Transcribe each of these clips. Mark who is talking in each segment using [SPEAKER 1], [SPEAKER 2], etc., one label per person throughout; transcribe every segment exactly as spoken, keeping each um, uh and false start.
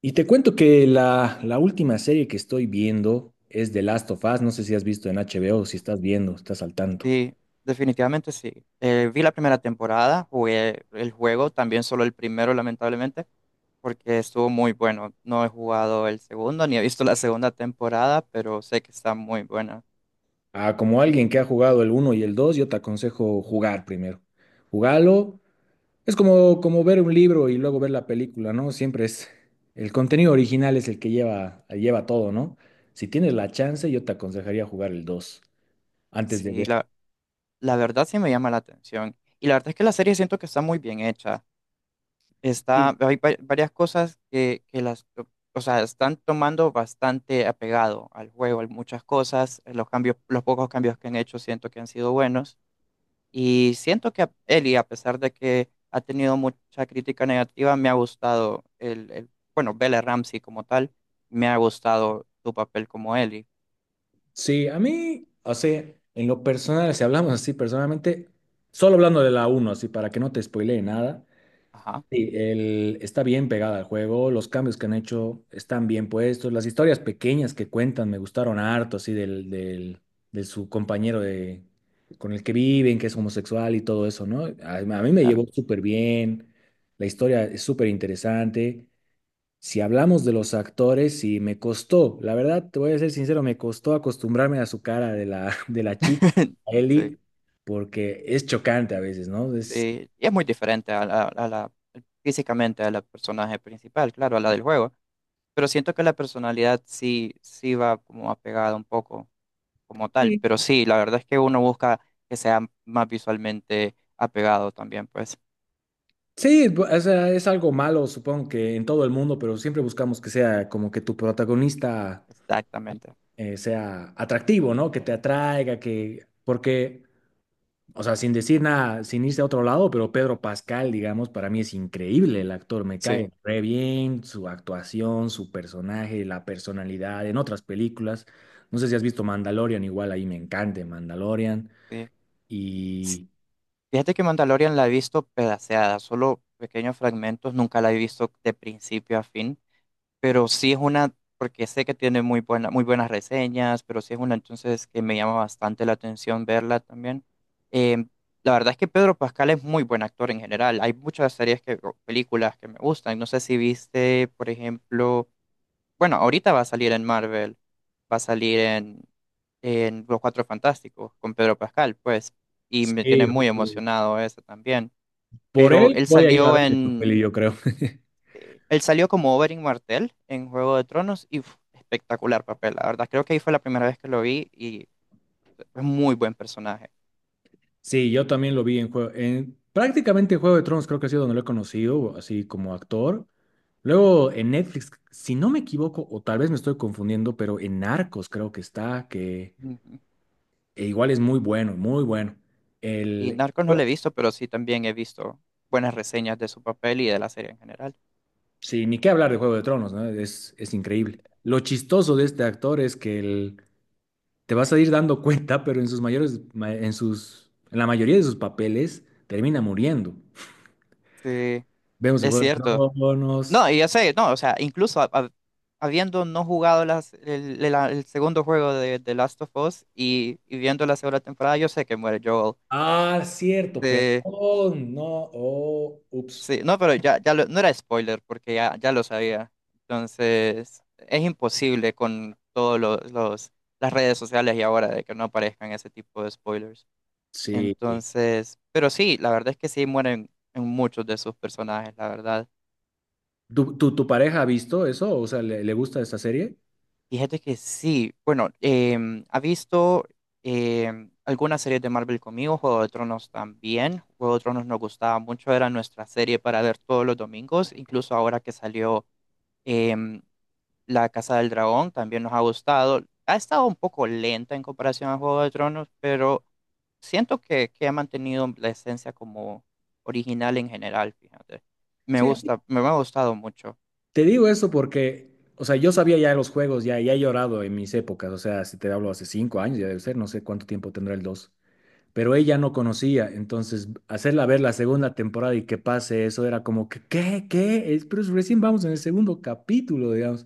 [SPEAKER 1] Y te cuento que la, la última serie que estoy viendo es The Last of Us. No sé si has visto en H B O, si estás viendo, estás al tanto.
[SPEAKER 2] Sí, definitivamente sí. Eh, vi la primera temporada, jugué el juego, también solo el primero, lamentablemente, porque estuvo muy bueno. No he jugado el segundo ni he visto la segunda temporada, pero sé que está muy buena.
[SPEAKER 1] Ah, como alguien que ha jugado el uno y el dos, yo te aconsejo jugar primero. Jugalo. Es como, como ver un libro y luego ver la película, ¿no? Siempre es... El contenido original es el que lleva, lleva todo, ¿no? Si tienes la chance, yo te aconsejaría jugar el dos antes de
[SPEAKER 2] Sí,
[SPEAKER 1] ver.
[SPEAKER 2] la, la verdad sí me llama la atención. Y la verdad es que la serie siento que está muy bien hecha.
[SPEAKER 1] Sí,
[SPEAKER 2] Está, hay va- varias cosas que, que las, o sea, están tomando bastante apegado al juego, hay muchas cosas. Los cambios, los pocos cambios que han hecho siento que han sido buenos. Y siento que a- Eli, a pesar de que ha tenido mucha crítica negativa, me ha gustado el, el- bueno, Bella Ramsey como tal, me ha gustado tu papel como Eli.
[SPEAKER 1] Sí, a mí, o sea, en lo personal, si hablamos así personalmente, solo hablando de la uno, así para que no te spoilee nada,
[SPEAKER 2] Ajá,
[SPEAKER 1] sí, el, está bien pegada al juego, los cambios que han hecho están bien puestos, las historias pequeñas que cuentan me gustaron harto, así del, del, de su compañero de, con el que viven, que es homosexual y todo eso, ¿no? A, a mí me
[SPEAKER 2] claro.
[SPEAKER 1] llevó súper bien, la historia es súper interesante. Si hablamos de los actores, y me costó, la verdad, te voy a ser sincero, me costó acostumbrarme a su cara de la, de la chica, a
[SPEAKER 2] Sí,
[SPEAKER 1] Ellie, porque es chocante a veces, ¿no? Es,
[SPEAKER 2] sí. Y es muy diferente a la, a la- físicamente a la personaje principal, claro, a la del juego. Pero siento que la personalidad sí, sí va como apegada un poco como tal.
[SPEAKER 1] sí,
[SPEAKER 2] Pero sí, la verdad es que uno busca que sea más visualmente apegado también, pues.
[SPEAKER 1] sí, bu- o sea, es algo malo, supongo que en todo el mundo, pero siempre buscamos que sea como que tu protagonista
[SPEAKER 2] Exactamente.
[SPEAKER 1] eh, sea atractivo, ¿no? Que te atraiga, que, porque o sea, sin decir nada, sin irse a otro lado, pero Pedro Pascal, digamos, para mí es increíble el actor, me cae
[SPEAKER 2] Sí.
[SPEAKER 1] re bien, su actuación, su personaje, la personalidad, en otras películas. No sé si has visto Mandalorian, igual ahí me encanta Mandalorian.
[SPEAKER 2] Sí. S-
[SPEAKER 1] Y
[SPEAKER 2] Fíjate que Mandalorian la he visto pedaceada, solo pequeños fragmentos, nunca la he visto de principio a fin, pero sí es una, porque sé que tiene muy buena, muy buenas reseñas, pero sí es una entonces que me llama bastante la atención verla también. Eh, la verdad es que Pedro Pascal es muy buen actor en general, hay muchas series que, o películas que me gustan, no sé si viste, por ejemplo, bueno, ahorita va a salir en Marvel, va a salir en, en Los Cuatro Fantásticos con Pedro Pascal, pues, y me
[SPEAKER 1] sí,
[SPEAKER 2] tiene muy
[SPEAKER 1] justo
[SPEAKER 2] emocionado eso también.
[SPEAKER 1] por
[SPEAKER 2] Pero
[SPEAKER 1] él
[SPEAKER 2] él
[SPEAKER 1] voy a ir a
[SPEAKER 2] salió
[SPEAKER 1] ver esta
[SPEAKER 2] en,
[SPEAKER 1] peli, yo creo.
[SPEAKER 2] eh, él salió como Oberyn Martell en Juego de Tronos y uf, espectacular papel, la verdad. Creo que ahí fue la primera vez que lo vi y es muy buen personaje.
[SPEAKER 1] Sí, yo también lo vi en juego, en prácticamente Juego de Tronos creo que ha sido donde lo he conocido, así como actor. Luego en Netflix, si no me equivoco, o tal vez me estoy confundiendo, pero en Narcos creo que está, que
[SPEAKER 2] Ujú.
[SPEAKER 1] e igual es muy bueno, muy bueno.
[SPEAKER 2] Y
[SPEAKER 1] El,
[SPEAKER 2] Narcos no
[SPEAKER 1] bueno,
[SPEAKER 2] lo he visto, pero sí también he visto buenas reseñas de su papel y de la serie en general.
[SPEAKER 1] sí, ni qué hablar de Juego de Tronos, ¿no? Es, es increíble. Lo chistoso de este actor es que el- te vas a ir dando cuenta, pero en sus mayores, ma- en sus, en la mayoría de sus papeles termina muriendo.
[SPEAKER 2] Sí,
[SPEAKER 1] Vemos en
[SPEAKER 2] es
[SPEAKER 1] Juego de
[SPEAKER 2] cierto.
[SPEAKER 1] Tronos.
[SPEAKER 2] No, y yo sé, no, o sea, incluso ha- ha- habiendo no jugado las, el, el- la- el segundo juego de, de Last of Us y, y viendo la segunda temporada, yo sé que muere Joel.
[SPEAKER 1] Ah, cierto,
[SPEAKER 2] Sí,
[SPEAKER 1] perdón, no, oh, ups.
[SPEAKER 2] sí, no, pero ya, ya lo- no era spoiler porque ya, ya lo sabía. Entonces, es imposible con todos los, los- las redes sociales y ahora de que no aparezcan ese tipo de spoilers.
[SPEAKER 1] Sí.
[SPEAKER 2] Entonces, pero sí, la verdad es que sí mueren en muchos de sus personajes, la verdad.
[SPEAKER 1] ¿Tu, tu, tu pareja ha visto eso? O sea, ¿le, le gusta esta serie?
[SPEAKER 2] Fíjate que sí, bueno, em, ha visto em, algunas series de Marvel conmigo, Juego de Tronos también. Juego de Tronos nos gustaba mucho, era nuestra serie para ver todos los domingos, incluso ahora que salió em, La Casa del Dragón, también nos ha gustado. Ha estado un poco lenta en comparación a Juego de Tronos, pero siento que, que ha mantenido la esencia como original en general, fíjate. Me
[SPEAKER 1] Sí, a mí,
[SPEAKER 2] gusta, me ha gustado mucho.
[SPEAKER 1] te digo eso porque, o sea, yo sabía ya los juegos, ya, ya he llorado en mis épocas, o sea, si te hablo hace cinco años, ya debe ser, no sé cuánto tiempo tendrá el dos. Pero ella no conocía, entonces hacerla ver la segunda temporada y que pase eso era como que, ¿qué? ¿Qué? Es, pero recién vamos en el segundo capítulo, digamos.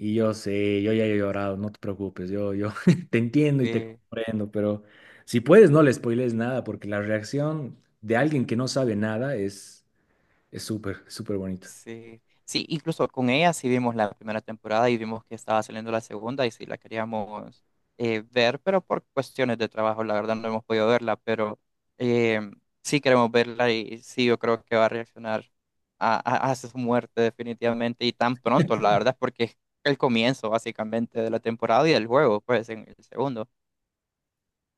[SPEAKER 1] Y yo sé, yo ya he llorado, no te preocupes, yo, yo te entiendo y te
[SPEAKER 2] eh,
[SPEAKER 1] comprendo, pero si puedes no le spoilees nada, porque la reacción de alguien que no sabe nada es es súper, súper bonito.
[SPEAKER 2] Sí, sí, incluso con ella sí vimos la primera temporada y vimos que estaba saliendo la segunda y sí la queríamos eh, ver, pero por cuestiones de trabajo, la verdad no hemos podido verla, pero eh, sí queremos verla y sí yo creo que va a reaccionar a, a- a su muerte definitivamente y tan pronto, la verdad, porque es el comienzo básicamente de la temporada y del juego, pues en el segundo.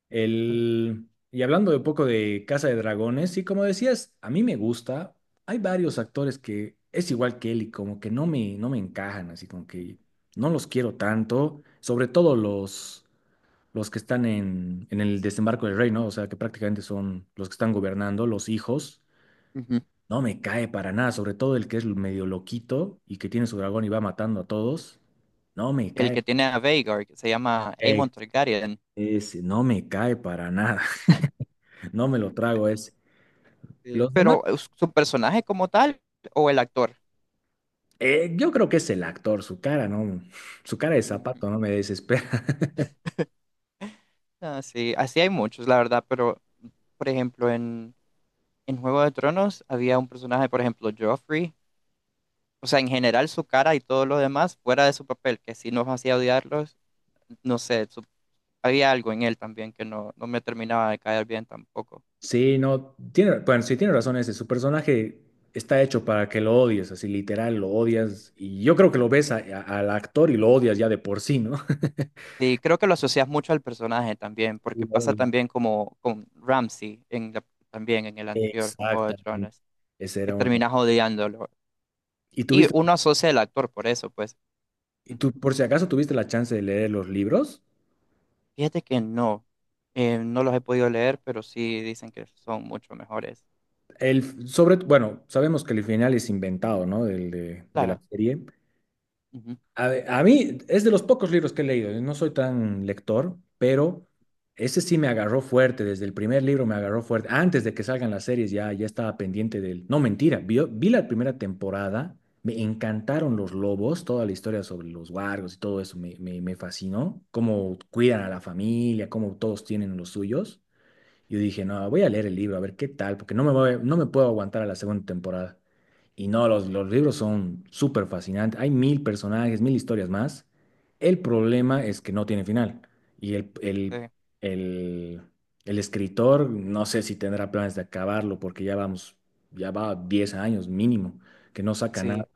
[SPEAKER 1] El, y hablando de un poco de Casa de Dragones, y como decías, a mí me gusta, hay varios actores que es igual que él y como que no me, no me encajan, así como que no los quiero tanto, sobre todo los... los que están en, en el desembarco del rey, ¿no? O sea, que prácticamente son los que están gobernando, los hijos.
[SPEAKER 2] Ujú.
[SPEAKER 1] No me cae para nada, sobre todo el que es medio loquito y que tiene su dragón y va matando a todos. No me
[SPEAKER 2] El
[SPEAKER 1] cae.
[SPEAKER 2] que tiene a Vhagar, que se llama
[SPEAKER 1] eh,
[SPEAKER 2] Aemon Targaryen.
[SPEAKER 1] Ese, no me cae para nada. No me lo trago ese.
[SPEAKER 2] Sí,
[SPEAKER 1] Los demás,
[SPEAKER 2] pero eh, su personaje como tal o el actor.
[SPEAKER 1] eh, yo creo que es el actor, su cara, ¿no? Su cara de
[SPEAKER 2] Ujú.
[SPEAKER 1] zapato no me desespera.
[SPEAKER 2] Ah, sí, así hay muchos, la verdad, pero por ejemplo, en, en Juego de Tronos había un personaje, por ejemplo, Joffrey, o sea, en general su cara y todo lo demás, fuera de su papel, que sí nos hacía odiarlos, no sé, su- había algo en él también que no, no me terminaba de caer bien tampoco.
[SPEAKER 1] Sí, no, tiene, bueno, sí tiene razón ese, su personaje está hecho para que lo odies, así literal, lo odias, y yo creo que lo ves a- a- al actor y lo odias ya de por sí, ¿no?
[SPEAKER 2] Y creo que lo asocias mucho al personaje también,
[SPEAKER 1] Y
[SPEAKER 2] porque pasa
[SPEAKER 1] lo-
[SPEAKER 2] también como con Ramsay en la- también en el anterior con Juego de
[SPEAKER 1] exactamente,
[SPEAKER 2] Tronos,
[SPEAKER 1] ese
[SPEAKER 2] que
[SPEAKER 1] era uno.
[SPEAKER 2] terminas odiándolo.
[SPEAKER 1] ¿Y
[SPEAKER 2] Y
[SPEAKER 1] tuviste,
[SPEAKER 2] uno asocia al actor por eso, pues.
[SPEAKER 1] y tú por si acaso tuviste la chance de leer los libros?
[SPEAKER 2] Fíjate que no, eh, no los he podido leer, pero sí dicen que son mucho mejores.
[SPEAKER 1] El, sobre, bueno, sabemos que el final es inventado, ¿no? Del, de, de la
[SPEAKER 2] Claro,
[SPEAKER 1] serie,
[SPEAKER 2] ujú,
[SPEAKER 1] a, ve- a mí es de los pocos libros que he leído, yo no soy tan lector, pero ese sí me agarró fuerte, desde el primer libro me agarró fuerte. Antes de que salgan las series ya, ya estaba pendiente del... No, mentira, vi, vi la primera temporada, me encantaron los lobos, toda la historia sobre los wargos y todo eso me, me, me fascinó, cómo cuidan a la familia, cómo todos tienen los suyos. Yo dije, no, voy a leer el libro, a ver qué tal, porque no me voy- no me puedo aguantar a la segunda temporada. Y no, los, los libros son súper fascinantes. Hay mil personajes, mil historias más. El problema es que no tiene final. Y el,
[SPEAKER 2] sí,
[SPEAKER 1] el, el, el escritor, no sé si tendrá planes de acabarlo, porque ya vamos, ya va diez años mínimo, que no saca nada.
[SPEAKER 2] sí.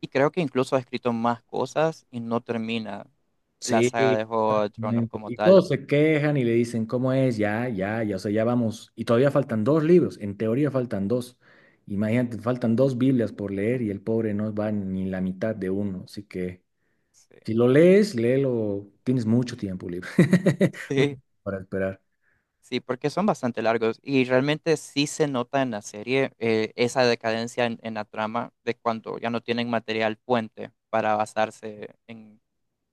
[SPEAKER 2] Y creo que incluso ha escrito más cosas y no termina la
[SPEAKER 1] Sí,
[SPEAKER 2] saga de Juego de Tronos
[SPEAKER 1] exactamente.
[SPEAKER 2] como
[SPEAKER 1] Y
[SPEAKER 2] tal.
[SPEAKER 1] todos se quejan y le dicen, ¿cómo es? Ya, ya, ya, o sea, ya vamos. Y todavía faltan dos libros, en teoría faltan dos. Imagínate, faltan dos Biblias por leer y el pobre no va ni la mitad de uno. Así que
[SPEAKER 2] Sí,
[SPEAKER 1] si lo lees, léelo, tienes mucho tiempo libre, mucho
[SPEAKER 2] sí,
[SPEAKER 1] tiempo para esperar.
[SPEAKER 2] sí, porque son bastante largos y realmente sí se nota en la serie eh, esa decadencia en, en la trama de cuando ya no tienen material puente para basarse en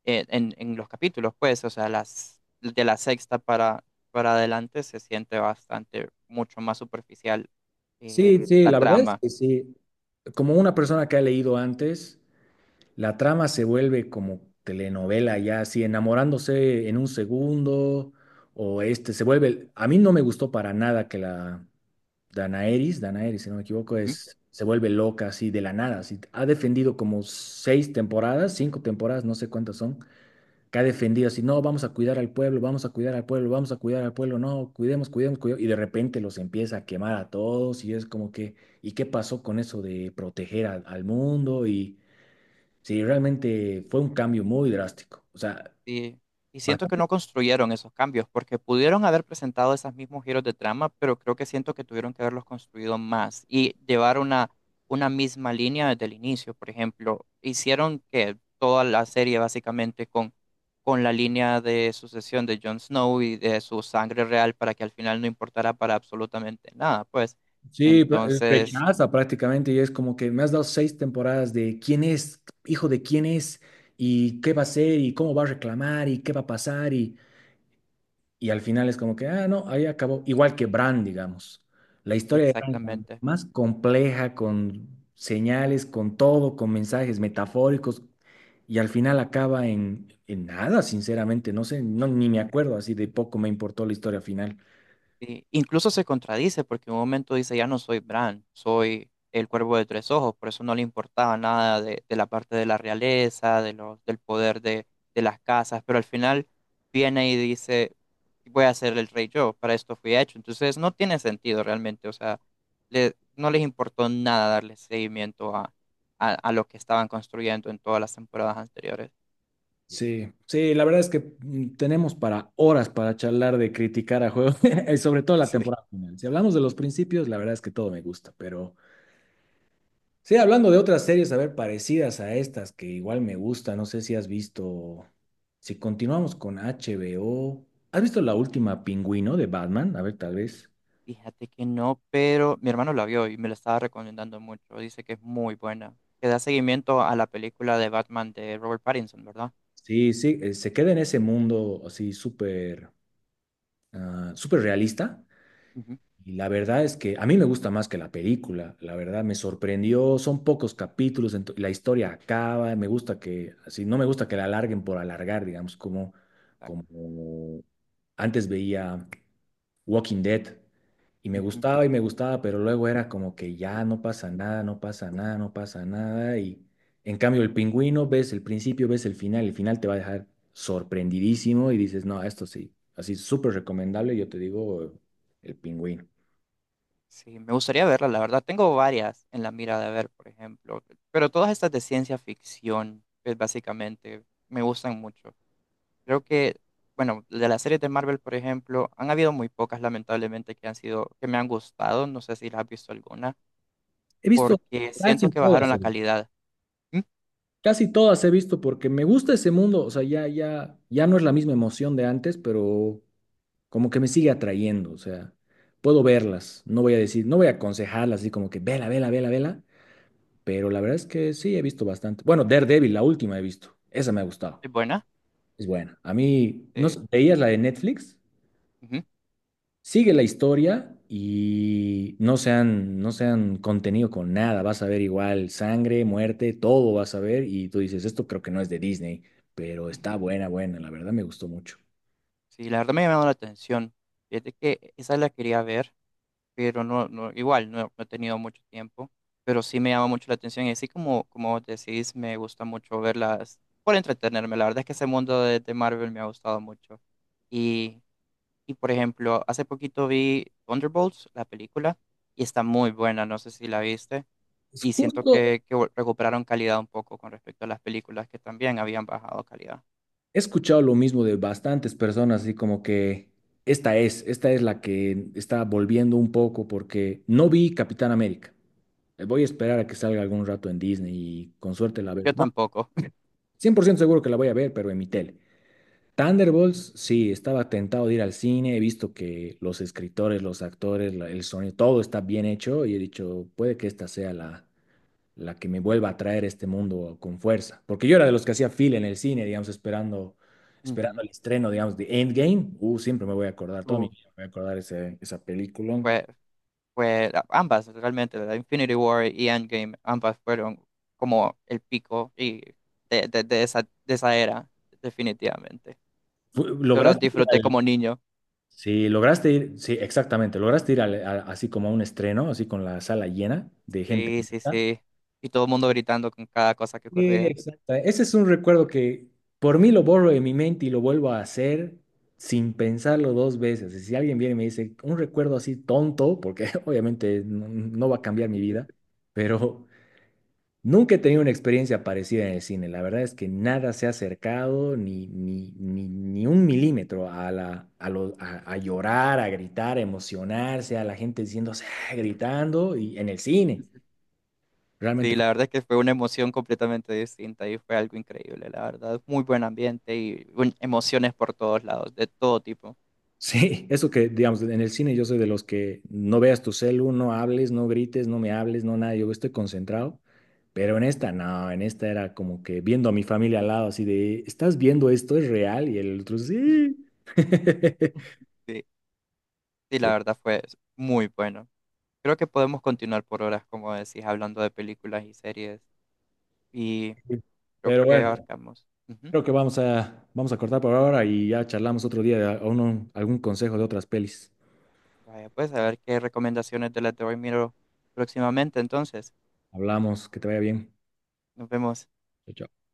[SPEAKER 2] eh, en, en los capítulos, pues, o sea, las, de la sexta para, para adelante se siente bastante, mucho más superficial eh,
[SPEAKER 1] Sí, sí,
[SPEAKER 2] la
[SPEAKER 1] la verdad es
[SPEAKER 2] trama.
[SPEAKER 1] que sí. Como una persona que ha leído antes, la trama se vuelve como telenovela ya, así enamorándose en un segundo, o este, se vuelve, a mí no me gustó para nada que la Danaeris, Danaeris, si no me equivoco,
[SPEAKER 2] Ujú.
[SPEAKER 1] es, se vuelve loca así de la nada, así, ha defendido como seis temporadas, cinco temporadas, no sé cuántas son, que ha defendido así, no, vamos a cuidar al pueblo, vamos a cuidar al pueblo, vamos a cuidar al pueblo, no, cuidemos, cuidemos, cuidemos, y de repente los empieza a quemar a todos, y es como que, ¿y qué pasó con eso de proteger al al mundo? Y... Sí, realmente fue un cambio muy drástico. O sea,
[SPEAKER 2] Y, y siento que
[SPEAKER 1] bastante.
[SPEAKER 2] no construyeron esos cambios, porque pudieron haber presentado esos mismos giros de trama, pero creo que siento que tuvieron que haberlos construido más y llevar una, una misma línea desde el inicio. Por ejemplo, hicieron que toda la serie básicamente con, con la línea de sucesión de Jon Snow y de su sangre real para que al final no importara para absolutamente nada, pues.
[SPEAKER 1] Sí, pra- eh,
[SPEAKER 2] Entonces,
[SPEAKER 1] rechaza prácticamente y es como que me has dado seis temporadas de quién es, hijo de quién es, y qué va a hacer, y cómo va a reclamar, y qué va a pasar, y, y al final es como que, ah, no, ahí acabó. Igual que Bran, digamos. La historia de Bran es la
[SPEAKER 2] exactamente.
[SPEAKER 1] más compleja, con señales, con todo, con mensajes metafóricos, y al final acaba en, en nada, sinceramente, no sé, no, ni me
[SPEAKER 2] eh,
[SPEAKER 1] acuerdo, así de poco me importó la historia final.
[SPEAKER 2] Sí, incluso se contradice porque en un momento dice, ya no soy Bran, soy el cuervo de tres ojos, por eso no le importaba nada de, de la parte de la realeza, de los, del poder de, de las casas, pero al final viene y dice, voy a ser el rey yo, para esto fui hecho. Entonces no tiene sentido realmente, o sea, le- no les importó nada darle seguimiento a, a, a lo que estaban construyendo en todas las temporadas anteriores.
[SPEAKER 1] Sí, sí, la verdad es que mm, tenemos para horas para charlar de criticar a juegos, y sobre todo la
[SPEAKER 2] Sí.
[SPEAKER 1] temporada final. Si hablamos de los principios, la verdad es que todo me gusta, pero sí, hablando de otras series, a ver, parecidas a estas que igual me gustan, no sé si has visto, si continuamos con H B O, ¿has visto la última Pingüino de Batman? A ver, tal vez.
[SPEAKER 2] Fíjate que no, pero mi hermano la vio y me la estaba recomendando mucho. Dice que es muy buena. Que da seguimiento a la película de Batman de Robert Pattinson, ¿verdad?
[SPEAKER 1] Sí, sí, eh, se queda en ese mundo así súper, ah, súper realista.
[SPEAKER 2] Ujú,
[SPEAKER 1] Y la verdad es que a mí me gusta más que la película, la verdad me sorprendió, son pocos capítulos, ento- la historia acaba, me gusta que, así, no me gusta que la alarguen por alargar, digamos, como,
[SPEAKER 2] exacto.
[SPEAKER 1] como antes veía Walking Dead y me
[SPEAKER 2] Ujú.
[SPEAKER 1] gustaba y me gustaba, pero luego era como que ya no pasa nada, no pasa nada, no pasa nada y en cambio el pingüino ves el principio, ves el final, el final te va a dejar sorprendidísimo y dices, no, esto sí, así súper recomendable, yo te digo, el pingüino.
[SPEAKER 2] Sí, me gustaría verla, la verdad. Tengo varias en la mira de ver, por ejemplo. Pero todas estas de ciencia ficción, pues, básicamente, me gustan mucho. Creo que, bueno, de las series de Marvel, por ejemplo, han habido muy pocas, lamentablemente, que han sido, que me han gustado. No sé si las has visto alguna,
[SPEAKER 1] He visto
[SPEAKER 2] porque siento
[SPEAKER 1] casi
[SPEAKER 2] que bajaron
[SPEAKER 1] todas, he
[SPEAKER 2] la
[SPEAKER 1] visto.
[SPEAKER 2] calidad. ¿Mm?
[SPEAKER 1] Casi todas he visto porque me gusta ese mundo, o sea, ya, ya, ya no es la misma emoción de antes, pero como que me sigue atrayendo, o sea, puedo verlas, no voy a decir, no voy a aconsejarlas así como que vela, vela, vela, vela, pero la verdad es que sí he visto bastante. Bueno, Daredevil, la última he visto, esa me ha gustado,
[SPEAKER 2] ¿Es buena?
[SPEAKER 1] es buena. A mí, no sé,
[SPEAKER 2] Eh,
[SPEAKER 1] ¿veías la de Netflix?
[SPEAKER 2] ujú.
[SPEAKER 1] Sigue la historia y no se han no se han contenido con nada. Vas a ver igual sangre, muerte, todo vas a ver. Y tú dices, esto creo que no es de Disney, pero está buena, buena. La verdad me gustó mucho.
[SPEAKER 2] Sí, la verdad me ha llamado la atención. Fíjate que esa la quería ver, pero no, no, igual no, no he tenido mucho tiempo, pero sí me llama mucho la atención. Y así como, como vos decís, me gusta mucho verlas por entretenerme. La verdad es que ese mundo de, de Marvel me ha gustado mucho. Y, y por ejemplo, hace poquito vi Thunderbolts, la película, y está muy buena, no sé si la viste.
[SPEAKER 1] Es
[SPEAKER 2] Y siento
[SPEAKER 1] justo,
[SPEAKER 2] que, que vol- recuperaron calidad un poco con respecto a las películas que también habían bajado calidad.
[SPEAKER 1] he escuchado lo mismo de bastantes personas, así como que esta es, esta es la que está volviendo un poco porque no vi Capitán América. Eh, Voy a esperar a que salga algún rato en Disney y con suerte
[SPEAKER 2] Sí.
[SPEAKER 1] la veo.
[SPEAKER 2] Yo
[SPEAKER 1] Bueno,
[SPEAKER 2] tampoco.
[SPEAKER 1] cien por ciento seguro que la voy a ver, pero en mi tele. Thunderbolts, sí, estaba tentado de ir al cine, he visto que los escritores, los actores, la- el sonido, todo está bien hecho y he dicho, puede que esta sea la, la que me vuelva a traer este mundo con fuerza. Porque yo era de los que hacía fila en el cine, digamos, esperando, esperando el estreno, digamos, de Endgame. Uh, siempre me voy a acordar, toda mi
[SPEAKER 2] Ujú.
[SPEAKER 1] vida me voy a acordar ese, esa película.
[SPEAKER 2] Fue, Fue la- ambas realmente, la Infinity War y Endgame, ambas fueron como el pico y de, de, de esa, de esa era, definitivamente.
[SPEAKER 1] Fu-
[SPEAKER 2] Yo los
[SPEAKER 1] ¿Lograste ir
[SPEAKER 2] disfruté
[SPEAKER 1] al...
[SPEAKER 2] como niño.
[SPEAKER 1] Sí, lograste ir, sí, exactamente, lograste ir al- a- así como a un estreno, así con la sala llena de gente.
[SPEAKER 2] Sí, sí, sí. Y todo el mundo gritando con cada cosa que
[SPEAKER 1] Sí,
[SPEAKER 2] ocurría.
[SPEAKER 1] exacto. Ese es un recuerdo que por mí lo borro de mi mente y lo vuelvo a hacer sin pensarlo dos veces. Y si alguien viene y me dice un recuerdo así tonto, porque obviamente no, no va a cambiar mi vida, pero nunca he tenido una experiencia parecida en el cine. La verdad es que nada se ha acercado ni, ni, ni, ni un milímetro a, la, a, lo- a, a llorar, a gritar, a emocionarse, a la gente diciéndose, "Ah", gritando y en el cine. Realmente
[SPEAKER 2] Sí, la verdad es que fue una emoción completamente distinta y fue algo increíble, la verdad. Muy buen ambiente y un- emociones por todos lados, de todo tipo.
[SPEAKER 1] sí, eso que, digamos, en el cine yo soy de los que no veas tu celu, no hables, no grites, no me hables, no nada, yo estoy concentrado, pero en esta no, en esta era como que viendo a mi familia al lado, así de, ¿estás viendo esto? ¿Es real? Y el otro, sí.
[SPEAKER 2] Sí, sí, la
[SPEAKER 1] Sí.
[SPEAKER 2] verdad fue muy bueno. Creo que podemos continuar por horas, como decís, hablando de películas y series. Y creo
[SPEAKER 1] Pero
[SPEAKER 2] que
[SPEAKER 1] bueno,
[SPEAKER 2] abarcamos. Ujú.
[SPEAKER 1] creo que vamos a, vamos a cortar por ahora y ya charlamos otro día de a- uno- algún consejo de otras pelis.
[SPEAKER 2] Vaya, pues a ver qué recomendaciones de las de hoy miro próximamente. Entonces,
[SPEAKER 1] Hablamos, que te vaya bien.
[SPEAKER 2] nos vemos.
[SPEAKER 1] Chao, chao.